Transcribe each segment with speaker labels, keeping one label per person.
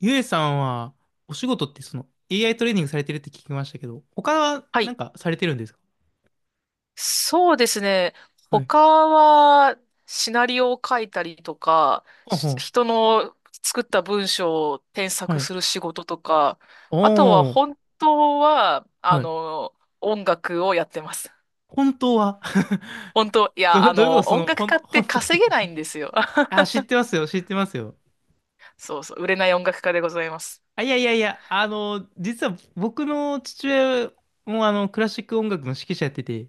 Speaker 1: ゆえさんは、お仕事ってその AI トレーニングされてるって聞きましたけど、他は
Speaker 2: は
Speaker 1: なん
Speaker 2: い。
Speaker 1: かされてるんですか？
Speaker 2: そうですね。
Speaker 1: はい。
Speaker 2: 他は、シナリオを書いたりとか、
Speaker 1: ほうほ
Speaker 2: し
Speaker 1: う。
Speaker 2: 人の作った文章を添
Speaker 1: は
Speaker 2: 削
Speaker 1: い。
Speaker 2: する仕事とか、
Speaker 1: お
Speaker 2: あとは
Speaker 1: ー。
Speaker 2: 本当は、
Speaker 1: はい。
Speaker 2: 音楽をやってます。
Speaker 1: 本当は？
Speaker 2: 本当、いや、
Speaker 1: ど、どういうことその、
Speaker 2: 音楽家って
Speaker 1: 本当っ
Speaker 2: 稼
Speaker 1: て？
Speaker 2: げないんですよ。
Speaker 1: あ、知 ってますよ、知ってますよ。
Speaker 2: そうそう、売れない音楽家でございます。
Speaker 1: あ、いやいやいや、実は僕の父親もクラシック音楽の指揮者やってて、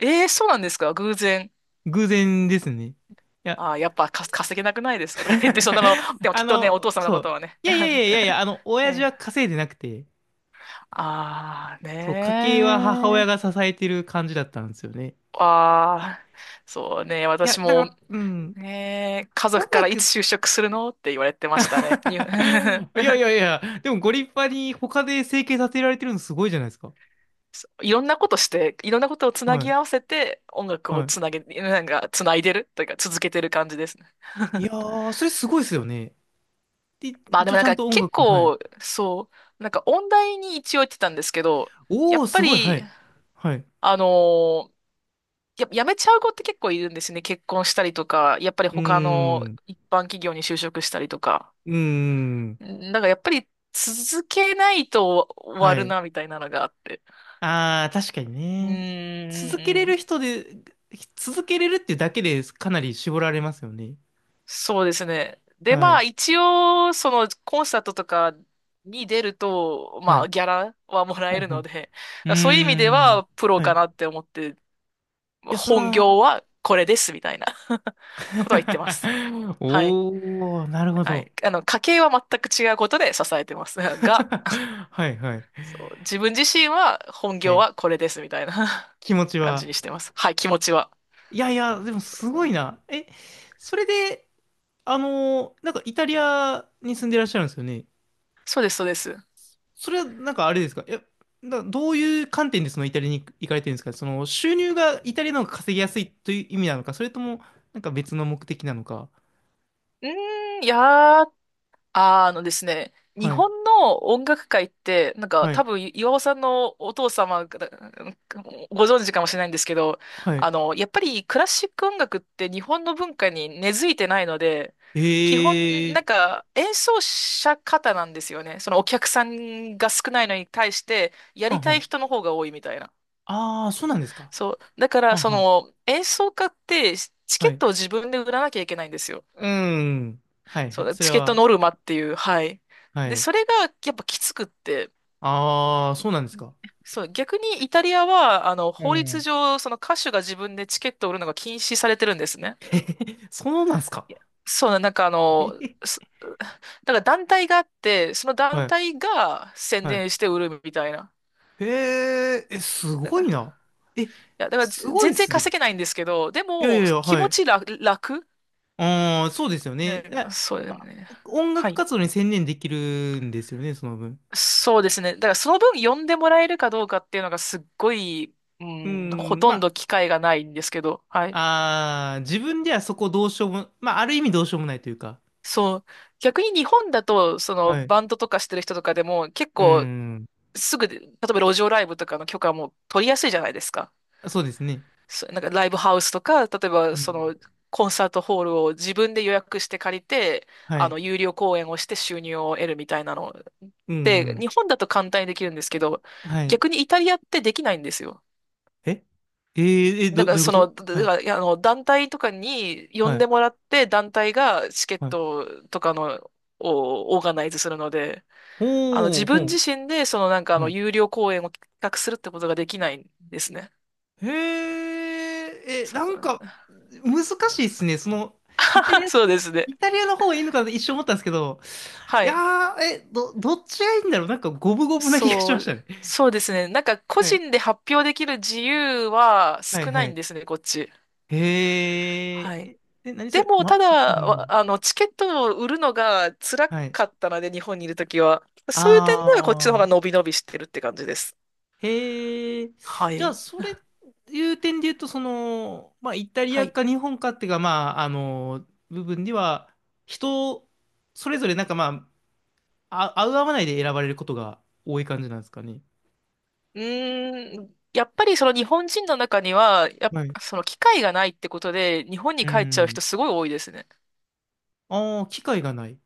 Speaker 2: えー、そうなんですか？偶然。
Speaker 1: 偶然ですね。いや、
Speaker 2: あー、やっぱか稼げなくないですかとか言って そんなの、で もき
Speaker 1: あ
Speaker 2: っとね、お父
Speaker 1: の、
Speaker 2: 様の
Speaker 1: そ
Speaker 2: こと
Speaker 1: う。
Speaker 2: はね。
Speaker 1: いやいやいや いやいや、
Speaker 2: え
Speaker 1: 親父
Speaker 2: え、
Speaker 1: は稼いでなくて、
Speaker 2: ああ
Speaker 1: そう、家計は母親
Speaker 2: ねー。
Speaker 1: が支えてる感じだったんですよね。
Speaker 2: ああ、そうね。
Speaker 1: い
Speaker 2: 私
Speaker 1: や、だか
Speaker 2: も、
Speaker 1: ら、うん、
Speaker 2: ねー、家族
Speaker 1: 音
Speaker 2: からいつ
Speaker 1: 楽。
Speaker 2: 就職するのって言われてましたね。に
Speaker 1: いやいやいや、でもご立派に他で生計立てられてるのすごいじゃないですか。
Speaker 2: そういろんなことして、いろんなことをつな
Speaker 1: は
Speaker 2: ぎ
Speaker 1: い、
Speaker 2: 合わせて、音楽を
Speaker 1: は
Speaker 2: つなげ、なんか、つないでるというか、続けてる感じですね。
Speaker 1: い。いやー、それすごいですよね。で、
Speaker 2: まあで
Speaker 1: 一応
Speaker 2: もな
Speaker 1: ち
Speaker 2: ん
Speaker 1: ゃん
Speaker 2: か
Speaker 1: と音
Speaker 2: 結
Speaker 1: 楽も、はい。
Speaker 2: 構、そう、なんか音大に一応行ってたんですけど、や
Speaker 1: お
Speaker 2: っ
Speaker 1: ー、
Speaker 2: ぱ
Speaker 1: すごい、は
Speaker 2: り、
Speaker 1: い。はい。
Speaker 2: あのーやっぱ辞めちゃう子って結構いるんですね。結婚したりとか、やっぱり
Speaker 1: うー
Speaker 2: 他の
Speaker 1: ん、
Speaker 2: 一般企業に就職したりとか。
Speaker 1: うーん、
Speaker 2: んなんかやっぱり続けないと終わ
Speaker 1: は
Speaker 2: る
Speaker 1: い。
Speaker 2: な、みたいなのがあって。
Speaker 1: あー、確かに
Speaker 2: うーん、
Speaker 1: ね。続けれ
Speaker 2: うんう
Speaker 1: る
Speaker 2: ん、
Speaker 1: 人で、続けれるっていうだけでかなり絞られますよね。
Speaker 2: そうですね。で、
Speaker 1: は
Speaker 2: まあ
Speaker 1: い、
Speaker 2: 一応、そのコンサートとかに出ると、
Speaker 1: は
Speaker 2: まあ
Speaker 1: い。
Speaker 2: ギャラはもら
Speaker 1: う
Speaker 2: え
Speaker 1: ん
Speaker 2: る
Speaker 1: う
Speaker 2: の
Speaker 1: ん、
Speaker 2: で、
Speaker 1: う
Speaker 2: そういう意味で
Speaker 1: ーん。
Speaker 2: はプロ
Speaker 1: はい。
Speaker 2: か
Speaker 1: い
Speaker 2: なって思って、
Speaker 1: や、そ
Speaker 2: 本
Speaker 1: ら、
Speaker 2: 業はこれです、みたいな ことは言ってます。はい。
Speaker 1: おー、なるほ
Speaker 2: は
Speaker 1: ど。
Speaker 2: い。家計は全く違うことで支えてます。が、
Speaker 1: はいはい。
Speaker 2: そう、自分自身は本業
Speaker 1: え、
Speaker 2: はこれですみたいな
Speaker 1: 気持ち
Speaker 2: 感じ
Speaker 1: は。
Speaker 2: にしてます。はい、気持ちは。
Speaker 1: いやいや、でも
Speaker 2: そう
Speaker 1: す
Speaker 2: そ
Speaker 1: ごい
Speaker 2: う。
Speaker 1: な。え、それで、なんかイタリアに住んでらっしゃるんですよね。
Speaker 2: そうです、そうです。う
Speaker 1: それはなんかあれですか？どういう観点でそのイタリアに行かれてるんですか？その収入がイタリアの方が稼ぎやすいという意味なのか、それともなんか別の目的なのか。
Speaker 2: ーん、いやー、あーですね、日
Speaker 1: はい。
Speaker 2: 本の音楽界って、なんか
Speaker 1: は
Speaker 2: 多
Speaker 1: い。
Speaker 2: 分岩尾さんのお父様がご存知かもしれないんですけど、
Speaker 1: はい。
Speaker 2: やっぱりクラシック音楽って日本の文化に根付いてないので、
Speaker 1: え
Speaker 2: 基本、な
Speaker 1: ー。
Speaker 2: んか演奏者方なんですよね。そのお客さんが少ないのに対して、や
Speaker 1: は
Speaker 2: り
Speaker 1: んは
Speaker 2: たい
Speaker 1: ん、
Speaker 2: 人の方が多いみたいな。
Speaker 1: ああ、そうなんですか。
Speaker 2: そう。だから、
Speaker 1: はん
Speaker 2: そ
Speaker 1: はん。
Speaker 2: の演奏家ってチケ
Speaker 1: は
Speaker 2: ッ
Speaker 1: い。
Speaker 2: トを自分で売らなきゃいけないんですよ。
Speaker 1: うーん。はいは
Speaker 2: そ
Speaker 1: い。
Speaker 2: う、
Speaker 1: それ
Speaker 2: チケット
Speaker 1: は、
Speaker 2: ノルマっていう、はい。
Speaker 1: は
Speaker 2: で、
Speaker 1: い。
Speaker 2: それがやっぱきつくって、
Speaker 1: ああ、そうなんですか。
Speaker 2: そう、逆にイタリアは、
Speaker 1: う
Speaker 2: 法律
Speaker 1: ん。
Speaker 2: 上、その歌手が自分でチケットを売るのが禁止されてるんですね。
Speaker 1: そうなんですか。
Speaker 2: いや、そうな、
Speaker 1: えへ、
Speaker 2: だから団体があって、その団
Speaker 1: はい。
Speaker 2: 体が宣
Speaker 1: はい。
Speaker 2: 伝して売るみたいな。
Speaker 1: へえ、え、す
Speaker 2: だ
Speaker 1: ご
Speaker 2: から、
Speaker 1: い
Speaker 2: い
Speaker 1: な。え、
Speaker 2: や、だからぜ
Speaker 1: すごいっ
Speaker 2: 全然
Speaker 1: すね。
Speaker 2: 稼げないんですけど、で
Speaker 1: いやいや
Speaker 2: も、
Speaker 1: いや、
Speaker 2: 気
Speaker 1: は
Speaker 2: 持
Speaker 1: い。
Speaker 2: ち楽、楽、
Speaker 1: ああ、そうですよね。
Speaker 2: う
Speaker 1: え、
Speaker 2: ん、そうだよ
Speaker 1: ま、
Speaker 2: ね。
Speaker 1: 音
Speaker 2: は
Speaker 1: 楽
Speaker 2: い。
Speaker 1: 活動に専念できるんですよね、その分。
Speaker 2: そうですね。だからその分呼んでもらえるかどうかっていうのがすっごい、う
Speaker 1: うー
Speaker 2: ん、ほ
Speaker 1: ん、
Speaker 2: とんど
Speaker 1: ま
Speaker 2: 機会がないんですけど、はい。
Speaker 1: あ、自分ではそこどうしようも、まあ、ある意味どうしようもないというか。
Speaker 2: そう。逆に日本だと、その
Speaker 1: はい。う
Speaker 2: バンドとかしてる人とかでも結
Speaker 1: ー
Speaker 2: 構
Speaker 1: ん、
Speaker 2: すぐで、例えば路上ライブとかの許可も取りやすいじゃないですか。
Speaker 1: そうですね。
Speaker 2: そうなんかライブハウスとか、例え
Speaker 1: う
Speaker 2: ばそ
Speaker 1: ん、
Speaker 2: のコンサートホールを自分で予約して借りて、
Speaker 1: はい。
Speaker 2: 有料公演をして収入を得るみたいなの。
Speaker 1: うんう
Speaker 2: で、
Speaker 1: ん。
Speaker 2: 日本だと簡単にできるんですけど、
Speaker 1: はい。
Speaker 2: 逆にイタリアってできないんですよ。
Speaker 1: ええー、え、
Speaker 2: だ
Speaker 1: ど、
Speaker 2: か
Speaker 1: ど
Speaker 2: ら
Speaker 1: ういうこ
Speaker 2: その、
Speaker 1: と、
Speaker 2: だ
Speaker 1: は
Speaker 2: だ
Speaker 1: い。
Speaker 2: から団体とかに呼
Speaker 1: は
Speaker 2: ん
Speaker 1: い。
Speaker 2: でもらって、団体がチケッ
Speaker 1: はい。
Speaker 2: トとかの、をオーガナイズするので、
Speaker 1: ほ
Speaker 2: 自
Speaker 1: う、ほ
Speaker 2: 分自
Speaker 1: う。
Speaker 2: 身で、
Speaker 1: は
Speaker 2: 有料公演を企画するってことができないんですね。
Speaker 1: い。へえ、え、
Speaker 2: そ
Speaker 1: なん
Speaker 2: う、
Speaker 1: か、難しいっすね。その、イタリア、
Speaker 2: そうですね。
Speaker 1: イタリアの方がいいのかなって一瞬思ったんですけど、い
Speaker 2: はい。
Speaker 1: やー、え、どっちがいいんだろう、なんか、五分五分な気がし
Speaker 2: そ
Speaker 1: ました
Speaker 2: う、
Speaker 1: ね。
Speaker 2: そうですね。なんか個
Speaker 1: はい。
Speaker 2: 人で発表できる自由は
Speaker 1: はい、
Speaker 2: 少
Speaker 1: は
Speaker 2: ないん
Speaker 1: い。
Speaker 2: ですね、こっち。
Speaker 1: へえ、
Speaker 2: はい。
Speaker 1: え何そ
Speaker 2: で
Speaker 1: れ、
Speaker 2: も、た
Speaker 1: ま、うん。
Speaker 2: だ、チケットを売るのが辛
Speaker 1: はい。
Speaker 2: かったので、日本にいるときは。そういう点ではこっちの方
Speaker 1: あ
Speaker 2: が
Speaker 1: ー。
Speaker 2: 伸び伸びしてるって感じです。
Speaker 1: へえ。
Speaker 2: は
Speaker 1: じゃあ、
Speaker 2: い。
Speaker 1: それ、いう点で言うと、その、まあ、イタリ
Speaker 2: は
Speaker 1: ア
Speaker 2: い。
Speaker 1: か日本かっていうか、まあ、あの、部分では、人、それぞれ、なんかまあ、あ、合う合わないで選ばれることが多い感じなんですかね。
Speaker 2: うーん、やっぱりその日本人の中には、やっ
Speaker 1: はい。
Speaker 2: ぱその機会がないってことで、日本
Speaker 1: う
Speaker 2: に帰っちゃう
Speaker 1: ん。
Speaker 2: 人すごい多いですね。
Speaker 1: ああ、機会がない。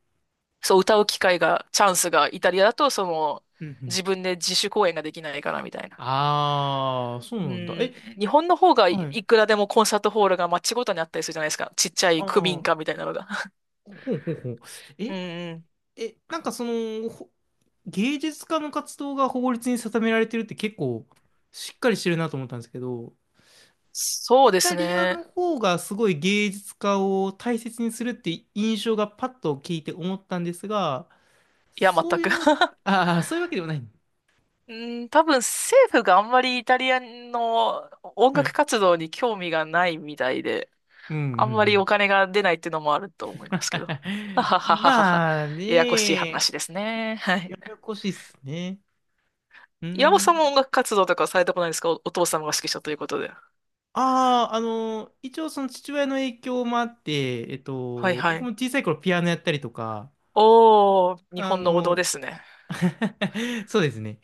Speaker 2: そう、歌う機会が、チャンスが、イタリアだと、その、
Speaker 1: うんうん。
Speaker 2: 自分で自主公演ができないからみたいな。
Speaker 1: ああ、そう
Speaker 2: う
Speaker 1: なんだ。え、
Speaker 2: ん、日本の方が
Speaker 1: は
Speaker 2: い、
Speaker 1: い。
Speaker 2: いくらでもコンサートホールが街ごとにあったりするじゃないですか。ちっちゃい
Speaker 1: ああ、
Speaker 2: 区民
Speaker 1: ほ
Speaker 2: 館みたいなのが。
Speaker 1: うほうほう。
Speaker 2: うん
Speaker 1: え、
Speaker 2: うん、
Speaker 1: え、なんかその、芸術家の活動が法律に定められてるって結構、しっかりしてるなと思ったんですけど、
Speaker 2: そう
Speaker 1: イ
Speaker 2: で
Speaker 1: タ
Speaker 2: す
Speaker 1: リア
Speaker 2: ね。
Speaker 1: の方がすごい芸術家を大切にするって印象がパッと聞いて思ったんですが、
Speaker 2: いや、全
Speaker 1: そうい
Speaker 2: く。
Speaker 1: う、ああ、そういうわけではない。
Speaker 2: うん、多分政府があんまりイタリアの音
Speaker 1: は
Speaker 2: 楽
Speaker 1: い。
Speaker 2: 活動に興味がないみたいで、
Speaker 1: うんう
Speaker 2: あんまりお
Speaker 1: ん
Speaker 2: 金が出ないっていうのもある
Speaker 1: うん。
Speaker 2: と思いますけど。は ははははは。
Speaker 1: まあ
Speaker 2: ややこしい
Speaker 1: ね、
Speaker 2: 話ですね。はい。
Speaker 1: ややこしいっすね。う
Speaker 2: 岩尾さんも
Speaker 1: ん。
Speaker 2: 音楽活動とかされたことないですか？お、お父様が指揮者ということで。
Speaker 1: ああ、一応その父親の影響もあって、
Speaker 2: はいは
Speaker 1: 僕も
Speaker 2: い。
Speaker 1: 小さい頃ピアノやったりとか、
Speaker 2: おー、日
Speaker 1: あ
Speaker 2: 本の王道で
Speaker 1: の、
Speaker 2: すね。
Speaker 1: そうですね。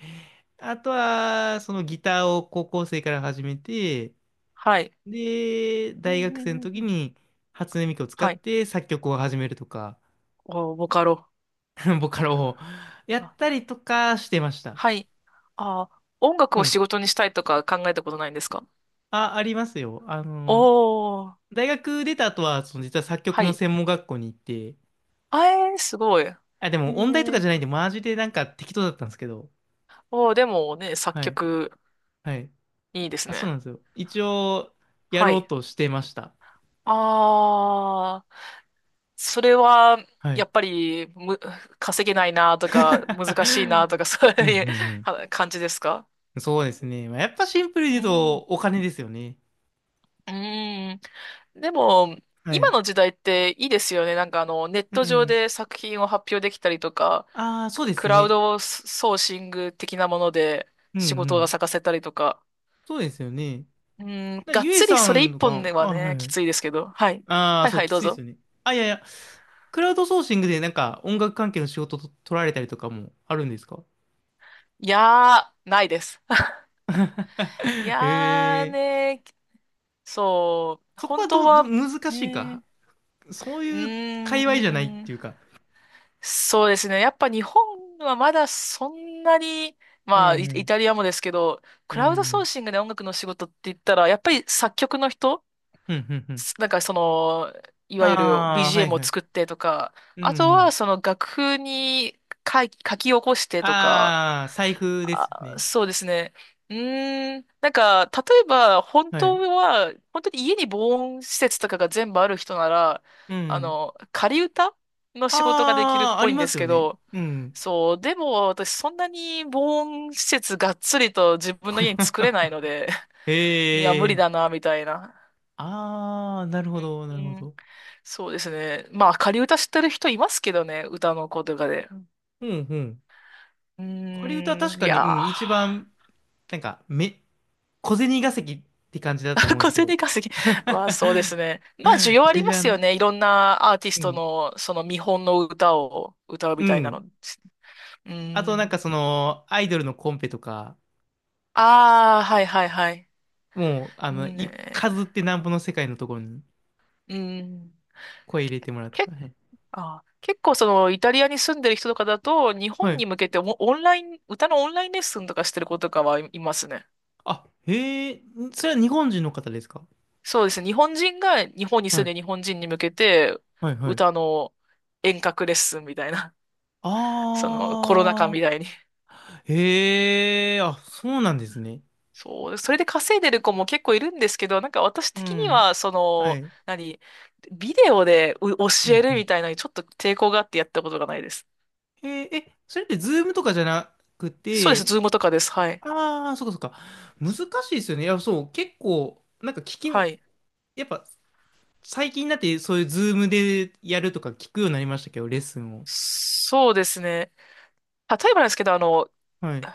Speaker 1: あとは、そのギターを高校生から始めて、
Speaker 2: はい。
Speaker 1: で、
Speaker 2: うん
Speaker 1: 大
Speaker 2: うん
Speaker 1: 学生
Speaker 2: う
Speaker 1: の
Speaker 2: んう
Speaker 1: 時
Speaker 2: ん、
Speaker 1: に初音ミクを使っ
Speaker 2: はい。
Speaker 1: て作曲を始めるとか、
Speaker 2: おー、ボカロ。
Speaker 1: ボカロをやったりとかしてました。そ
Speaker 2: はい。あー、音
Speaker 1: う
Speaker 2: 楽を
Speaker 1: なんで
Speaker 2: 仕
Speaker 1: す。
Speaker 2: 事にしたいとか考えたことないんですか？
Speaker 1: あ、ありますよ。あの、
Speaker 2: おー、
Speaker 1: 大学出た後は、その実は作
Speaker 2: は
Speaker 1: 曲の
Speaker 2: い。
Speaker 1: 専門学校に行って、
Speaker 2: あえー、すごい。へ
Speaker 1: あ、でも音大とか
Speaker 2: ー。
Speaker 1: じゃないんで、マジでなんか適当だったんですけど、
Speaker 2: おー、でもね、作
Speaker 1: はい。
Speaker 2: 曲、
Speaker 1: はい。
Speaker 2: いいです
Speaker 1: あ、そう
Speaker 2: ね。
Speaker 1: なんですよ。一応、や
Speaker 2: は
Speaker 1: ろう
Speaker 2: い。
Speaker 1: としてました。
Speaker 2: あー、それは、
Speaker 1: は
Speaker 2: や
Speaker 1: い。
Speaker 2: っぱり、む、稼げないなとか、難しいなとか、そう
Speaker 1: うんう
Speaker 2: いう
Speaker 1: ん
Speaker 2: は 感じですか？
Speaker 1: うん。そうですね。まあやっぱシンプルに
Speaker 2: う
Speaker 1: 言う
Speaker 2: ん。
Speaker 1: と、
Speaker 2: う
Speaker 1: お金ですよね。
Speaker 2: ーん。でも、
Speaker 1: は
Speaker 2: 今
Speaker 1: い。
Speaker 2: の時代っていいですよね。ネッ
Speaker 1: う
Speaker 2: ト上
Speaker 1: ん。
Speaker 2: で作品を発表できたりとか、
Speaker 1: ああ、そうです
Speaker 2: クラウ
Speaker 1: ね。
Speaker 2: ドソーシング的なもので
Speaker 1: うんう
Speaker 2: 仕事が
Speaker 1: ん。
Speaker 2: 咲かせたりとか。
Speaker 1: そうですよね。
Speaker 2: うん、
Speaker 1: だから
Speaker 2: がっ
Speaker 1: ゆえ
Speaker 2: つり
Speaker 1: さ
Speaker 2: それ
Speaker 1: ん
Speaker 2: 一
Speaker 1: と
Speaker 2: 本で
Speaker 1: か、
Speaker 2: は
Speaker 1: あ、は
Speaker 2: ね、
Speaker 1: いは
Speaker 2: き
Speaker 1: い。
Speaker 2: ついですけど。はい。
Speaker 1: ああ、
Speaker 2: はい
Speaker 1: そ
Speaker 2: は
Speaker 1: う、
Speaker 2: い、
Speaker 1: き
Speaker 2: どう
Speaker 1: ついです
Speaker 2: ぞ。
Speaker 1: よね。あ、いやいや、クラウドソーシングでなんか音楽関係の仕事と取られたりとかもあるんですか？
Speaker 2: いやー、ないです。い
Speaker 1: へ
Speaker 2: やー
Speaker 1: え。
Speaker 2: ね、そう、
Speaker 1: そこ
Speaker 2: 本
Speaker 1: は
Speaker 2: 当は、
Speaker 1: 難しいか。
Speaker 2: ね、
Speaker 1: そう
Speaker 2: う
Speaker 1: いう
Speaker 2: ー
Speaker 1: 界隈じゃないって
Speaker 2: ん、
Speaker 1: いうか。
Speaker 2: そうですね。やっぱ日本はまだそんなに、
Speaker 1: う
Speaker 2: まあ、イイ
Speaker 1: ん
Speaker 2: タリアもですけど、
Speaker 1: う
Speaker 2: ク
Speaker 1: ん。う
Speaker 2: ラウドソー
Speaker 1: ん。
Speaker 2: シングで音楽の仕事って言ったら、やっぱり作曲の人
Speaker 1: うんうんうん。
Speaker 2: すなんかその、いわゆる
Speaker 1: ああ、はい
Speaker 2: BGM を
Speaker 1: はい。
Speaker 2: 作ってとか、
Speaker 1: うん
Speaker 2: あと
Speaker 1: う
Speaker 2: は
Speaker 1: ん。
Speaker 2: その楽譜に書い書き起こしてとか、
Speaker 1: ああ、財布です
Speaker 2: あ、
Speaker 1: ね。
Speaker 2: そうですね。うーん、なんか、例えば、本
Speaker 1: は
Speaker 2: 当
Speaker 1: い。
Speaker 2: は、本当に家に防音施設とかが全部ある人なら、
Speaker 1: うん。
Speaker 2: 仮歌の仕事ができるっ
Speaker 1: ああ、あ
Speaker 2: ぽい
Speaker 1: り
Speaker 2: ん
Speaker 1: ま
Speaker 2: で
Speaker 1: す
Speaker 2: す
Speaker 1: よ
Speaker 2: け
Speaker 1: ね。
Speaker 2: ど、
Speaker 1: うん。
Speaker 2: そう、でも私そんなに防音施設がっつりと自分の家に作れないので、いや、
Speaker 1: へ
Speaker 2: 無理
Speaker 1: え。
Speaker 2: だな、みたいな。
Speaker 1: あー、なるほど、なるほど。
Speaker 2: そうですね。まあ、仮歌知ってる人いますけどね、歌の子とかで。
Speaker 1: うん、うん。
Speaker 2: う
Speaker 1: 仮歌は
Speaker 2: ん、ー
Speaker 1: 確
Speaker 2: んい
Speaker 1: かに、う
Speaker 2: や
Speaker 1: ん、一番、なんか、小銭稼ぎって感じだ
Speaker 2: ー、
Speaker 1: と思 うんで
Speaker 2: 小
Speaker 1: すけど。
Speaker 2: 銭稼ぎ。まあ、そうですね。まあ、需要あ
Speaker 1: メ
Speaker 2: り
Speaker 1: ジ
Speaker 2: ま
Speaker 1: ャー
Speaker 2: すよ
Speaker 1: な。
Speaker 2: ね。いろんなアーティス
Speaker 1: う
Speaker 2: ト
Speaker 1: ん。
Speaker 2: の、その見本の歌を歌う
Speaker 1: う
Speaker 2: みたいなの。
Speaker 1: ん。
Speaker 2: うー
Speaker 1: あと、なん
Speaker 2: ん。
Speaker 1: かその、アイドルのコンペとか、
Speaker 2: ああ、はいはいはい。
Speaker 1: もう、数
Speaker 2: ね
Speaker 1: ってなんぼの世界のところに
Speaker 2: え、うん。
Speaker 1: 声入れてもらって。
Speaker 2: け、
Speaker 1: はい。
Speaker 2: あ、結構そのイタリアに住んでる人とかだと、日
Speaker 1: は
Speaker 2: 本
Speaker 1: い、
Speaker 2: に向けてオンオンライン、歌のオンラインレッスンとかしてる子とかはいいますね。
Speaker 1: あ、へえ、それは日本人の方ですか？
Speaker 2: そうですね。日本人が日本に
Speaker 1: は
Speaker 2: 住ん
Speaker 1: い、
Speaker 2: で日本人に向けて
Speaker 1: はい、はい。
Speaker 2: 歌の遠隔レッスンみたいな、そのコロナ禍み
Speaker 1: あ
Speaker 2: たいに。
Speaker 1: あ、へえ、あ、そうなんですね。
Speaker 2: そう、それで稼いでる子も結構いるんですけど、なんか私
Speaker 1: う
Speaker 2: 的に
Speaker 1: ん。
Speaker 2: は、そ
Speaker 1: は
Speaker 2: の、
Speaker 1: い。
Speaker 2: 何、ビデオでう
Speaker 1: う
Speaker 2: 教
Speaker 1: ん
Speaker 2: え
Speaker 1: う
Speaker 2: る
Speaker 1: ん。
Speaker 2: みたいなのにちょっと抵抗があってやったことがないです。
Speaker 1: え、それってズームとかじゃなく
Speaker 2: そうです。
Speaker 1: て、
Speaker 2: ズームとかです。はい。
Speaker 1: ああ、そっかそっか。難しいですよね。いや、そう、結構、なんか聞
Speaker 2: は
Speaker 1: き、
Speaker 2: い。
Speaker 1: やっぱ、最近になってそういうズームでやるとか聞くようになりましたけど、レッスンを。
Speaker 2: そうですね。例えばなんですけど、
Speaker 1: はい。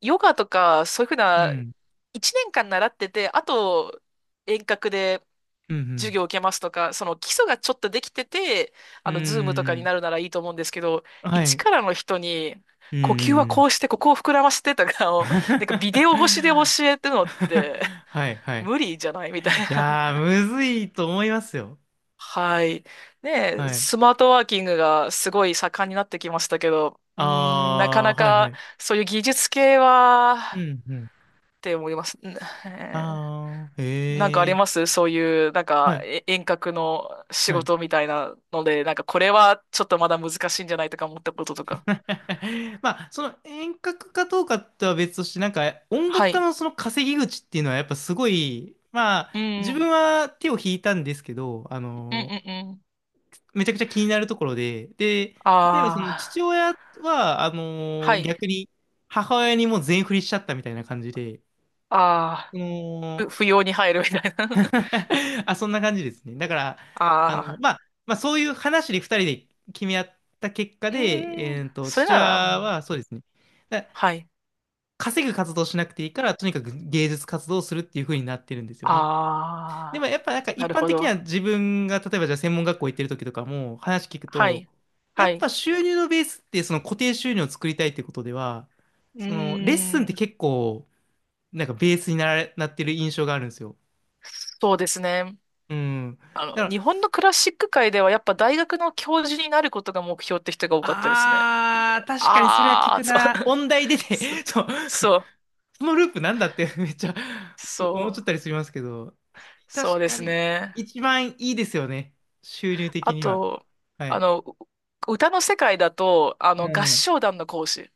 Speaker 2: ヨガとか、そういうふう
Speaker 1: う
Speaker 2: な、
Speaker 1: ん。
Speaker 2: 1年間習ってて、あと、遠隔で
Speaker 1: う
Speaker 2: 授
Speaker 1: ん
Speaker 2: 業を受けますとか、その基礎がちょっとできてて、
Speaker 1: うん、う
Speaker 2: ズームとか
Speaker 1: ー
Speaker 2: に
Speaker 1: ん。
Speaker 2: なるならいいと思うんですけど、
Speaker 1: は
Speaker 2: 一
Speaker 1: い。
Speaker 2: からの人に、
Speaker 1: うんう
Speaker 2: 呼吸は
Speaker 1: んう
Speaker 2: こ
Speaker 1: ん。
Speaker 2: うして、ここを膨らましてとか を、なんかビデオ越しで教えてるのって、
Speaker 1: はい、はい。
Speaker 2: 無理じゃないみたい
Speaker 1: い
Speaker 2: な。
Speaker 1: やー、むずいと思いますよ。
Speaker 2: はい。ねえ、
Speaker 1: はい。
Speaker 2: スマートワーキングがすごい盛んになってきましたけど、うーん、なか
Speaker 1: あ
Speaker 2: な
Speaker 1: あ、はい、は
Speaker 2: か
Speaker 1: い。
Speaker 2: そういう技術系は、
Speaker 1: うん。うん、
Speaker 2: って思います。うん、えー、
Speaker 1: ああ、
Speaker 2: なんかあ
Speaker 1: へ
Speaker 2: り
Speaker 1: え、
Speaker 2: ますそういう、なん
Speaker 1: は
Speaker 2: か、
Speaker 1: い、
Speaker 2: え遠隔の仕
Speaker 1: はい。
Speaker 2: 事みたいなので、なんかこれはちょっとまだ難しいんじゃないとか思ったこととか。
Speaker 1: まあ、その遠隔かどうかとは別として、なんか音楽
Speaker 2: は
Speaker 1: 家
Speaker 2: い。
Speaker 1: のその稼ぎ口っていうのはやっぱすごい、まあ、
Speaker 2: うん。
Speaker 1: 自
Speaker 2: う
Speaker 1: 分
Speaker 2: ん
Speaker 1: は手を引いたんですけど、あ
Speaker 2: うん
Speaker 1: の、
Speaker 2: うん。
Speaker 1: めちゃくちゃ気になるところで、で、例えばそ
Speaker 2: あ
Speaker 1: の父
Speaker 2: あ。
Speaker 1: 親は、あ
Speaker 2: は
Speaker 1: の、
Speaker 2: い。
Speaker 1: 逆に母親にもう全振りしちゃったみたいな感じで、
Speaker 2: あ
Speaker 1: そ
Speaker 2: あ。
Speaker 1: の、
Speaker 2: ふ不要に入るみたいな。
Speaker 1: あ、そんな感じですね。だから、
Speaker 2: あ
Speaker 1: あの、
Speaker 2: あ。
Speaker 1: まあ、まあ、そういう話で二人で決め合った結果
Speaker 2: う
Speaker 1: で、
Speaker 2: ーん。それ
Speaker 1: 父
Speaker 2: な
Speaker 1: 親
Speaker 2: ら、うん、
Speaker 1: はそうですね。だ
Speaker 2: はい。
Speaker 1: 稼ぐ活動しなくていいから、とにかく芸術活動をするっていう風になってるんですよ
Speaker 2: あ
Speaker 1: ね。でも
Speaker 2: あ。
Speaker 1: やっぱなんか
Speaker 2: な
Speaker 1: 一
Speaker 2: る
Speaker 1: 般
Speaker 2: ほ
Speaker 1: 的に
Speaker 2: ど。
Speaker 1: は自分が、例えばじゃあ専門学校行ってる時とかも話聞く
Speaker 2: は
Speaker 1: と、
Speaker 2: い。
Speaker 1: や
Speaker 2: は
Speaker 1: っ
Speaker 2: い。
Speaker 1: ぱ収入のベースってその固定収入を作りたいってことでは、
Speaker 2: う
Speaker 1: そのレッスンっ
Speaker 2: ー
Speaker 1: て
Speaker 2: ん。
Speaker 1: 結構なんかベースになってる印象があるんですよ。
Speaker 2: そうですね。
Speaker 1: うん。だから、
Speaker 2: 日本のクラシック界ではやっぱ大学の教授になることが目標って人が多かったですね。いや
Speaker 1: 確かにそれは聞
Speaker 2: ああ、
Speaker 1: く
Speaker 2: そ
Speaker 1: な。
Speaker 2: う、
Speaker 1: 音大出
Speaker 2: そ、
Speaker 1: て、そう、
Speaker 2: そう、
Speaker 1: そのループなんだって めっちゃ
Speaker 2: そ
Speaker 1: 思っちゃ
Speaker 2: う、
Speaker 1: ったりしますけど、
Speaker 2: そう
Speaker 1: 確
Speaker 2: で
Speaker 1: か
Speaker 2: す
Speaker 1: に
Speaker 2: ね。
Speaker 1: 一番いいですよね。収入的
Speaker 2: あ
Speaker 1: には。
Speaker 2: と、
Speaker 1: は
Speaker 2: あ
Speaker 1: い。
Speaker 2: の、う歌の世界だと、
Speaker 1: う
Speaker 2: 合
Speaker 1: ん。
Speaker 2: 唱団の講師。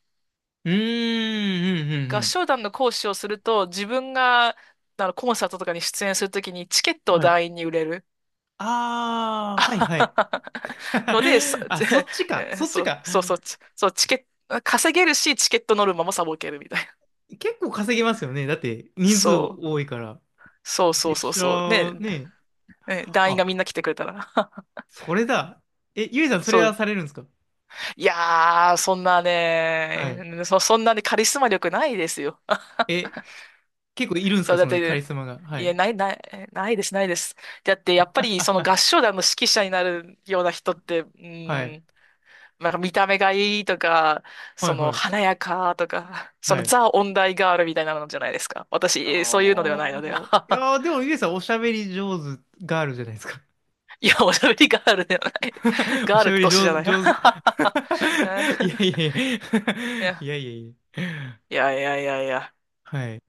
Speaker 1: うーん、うん、うん、う
Speaker 2: 合
Speaker 1: ん。
Speaker 2: 唱団の講師をすると、自分が、コンサートとかに出演するときにチケットを
Speaker 1: はい。
Speaker 2: 団員に売れる。
Speaker 1: あ
Speaker 2: あ
Speaker 1: ー、はい、
Speaker 2: は
Speaker 1: はい。
Speaker 2: ははので、さ、
Speaker 1: あ、そっち か、
Speaker 2: えー
Speaker 1: そっ
Speaker 2: そ
Speaker 1: ち
Speaker 2: う、
Speaker 1: か。
Speaker 2: そうそう、ちそう、チケット、稼げるし、チケットノルマもサボけるみたいな。
Speaker 1: 結構稼げますよね。だって、人数
Speaker 2: そう、
Speaker 1: 多いから。
Speaker 2: そうそう
Speaker 1: 月
Speaker 2: そうそう。ね、
Speaker 1: 謝ね。
Speaker 2: ね、団員がみんな
Speaker 1: あ、
Speaker 2: 来てくれたら。
Speaker 1: それだ。え、ゆいさん、それ
Speaker 2: そ
Speaker 1: は
Speaker 2: う。
Speaker 1: されるんですか？
Speaker 2: いやー、そんな
Speaker 1: はい。
Speaker 2: ね、そ、そんなね、カリスマ力ないですよ。
Speaker 1: え、結構いるん です
Speaker 2: そう、
Speaker 1: か、
Speaker 2: だ
Speaker 1: そ
Speaker 2: っ
Speaker 1: のカリ
Speaker 2: て、
Speaker 1: スマが。は
Speaker 2: いや、
Speaker 1: い。
Speaker 2: ない、ない、ないです、ないです。だって、やっぱり、その合唱 団の指揮者になるような人って、う
Speaker 1: はい。
Speaker 2: ん、なんか見た目がいいとか、
Speaker 1: は
Speaker 2: そ
Speaker 1: い、
Speaker 2: の
Speaker 1: はい、
Speaker 2: 華やかとか、そ
Speaker 1: は
Speaker 2: の
Speaker 1: い。
Speaker 2: ザ・音大ガールみたいなのじゃないですか。私、そういうのではないので。
Speaker 1: おー。いや ー、でも、ゆえさん、おしゃべり上手ガールじゃないですか。
Speaker 2: いや、おしゃべりガールではない。
Speaker 1: お
Speaker 2: ガー
Speaker 1: し
Speaker 2: ル
Speaker 1: ゃ
Speaker 2: っ
Speaker 1: べ
Speaker 2: て
Speaker 1: り
Speaker 2: 年じゃ
Speaker 1: 上
Speaker 2: な
Speaker 1: 手、
Speaker 2: い。い
Speaker 1: 上手。いやいやいや。い
Speaker 2: や、
Speaker 1: やいやいや。
Speaker 2: いやいやいやいや。
Speaker 1: はい。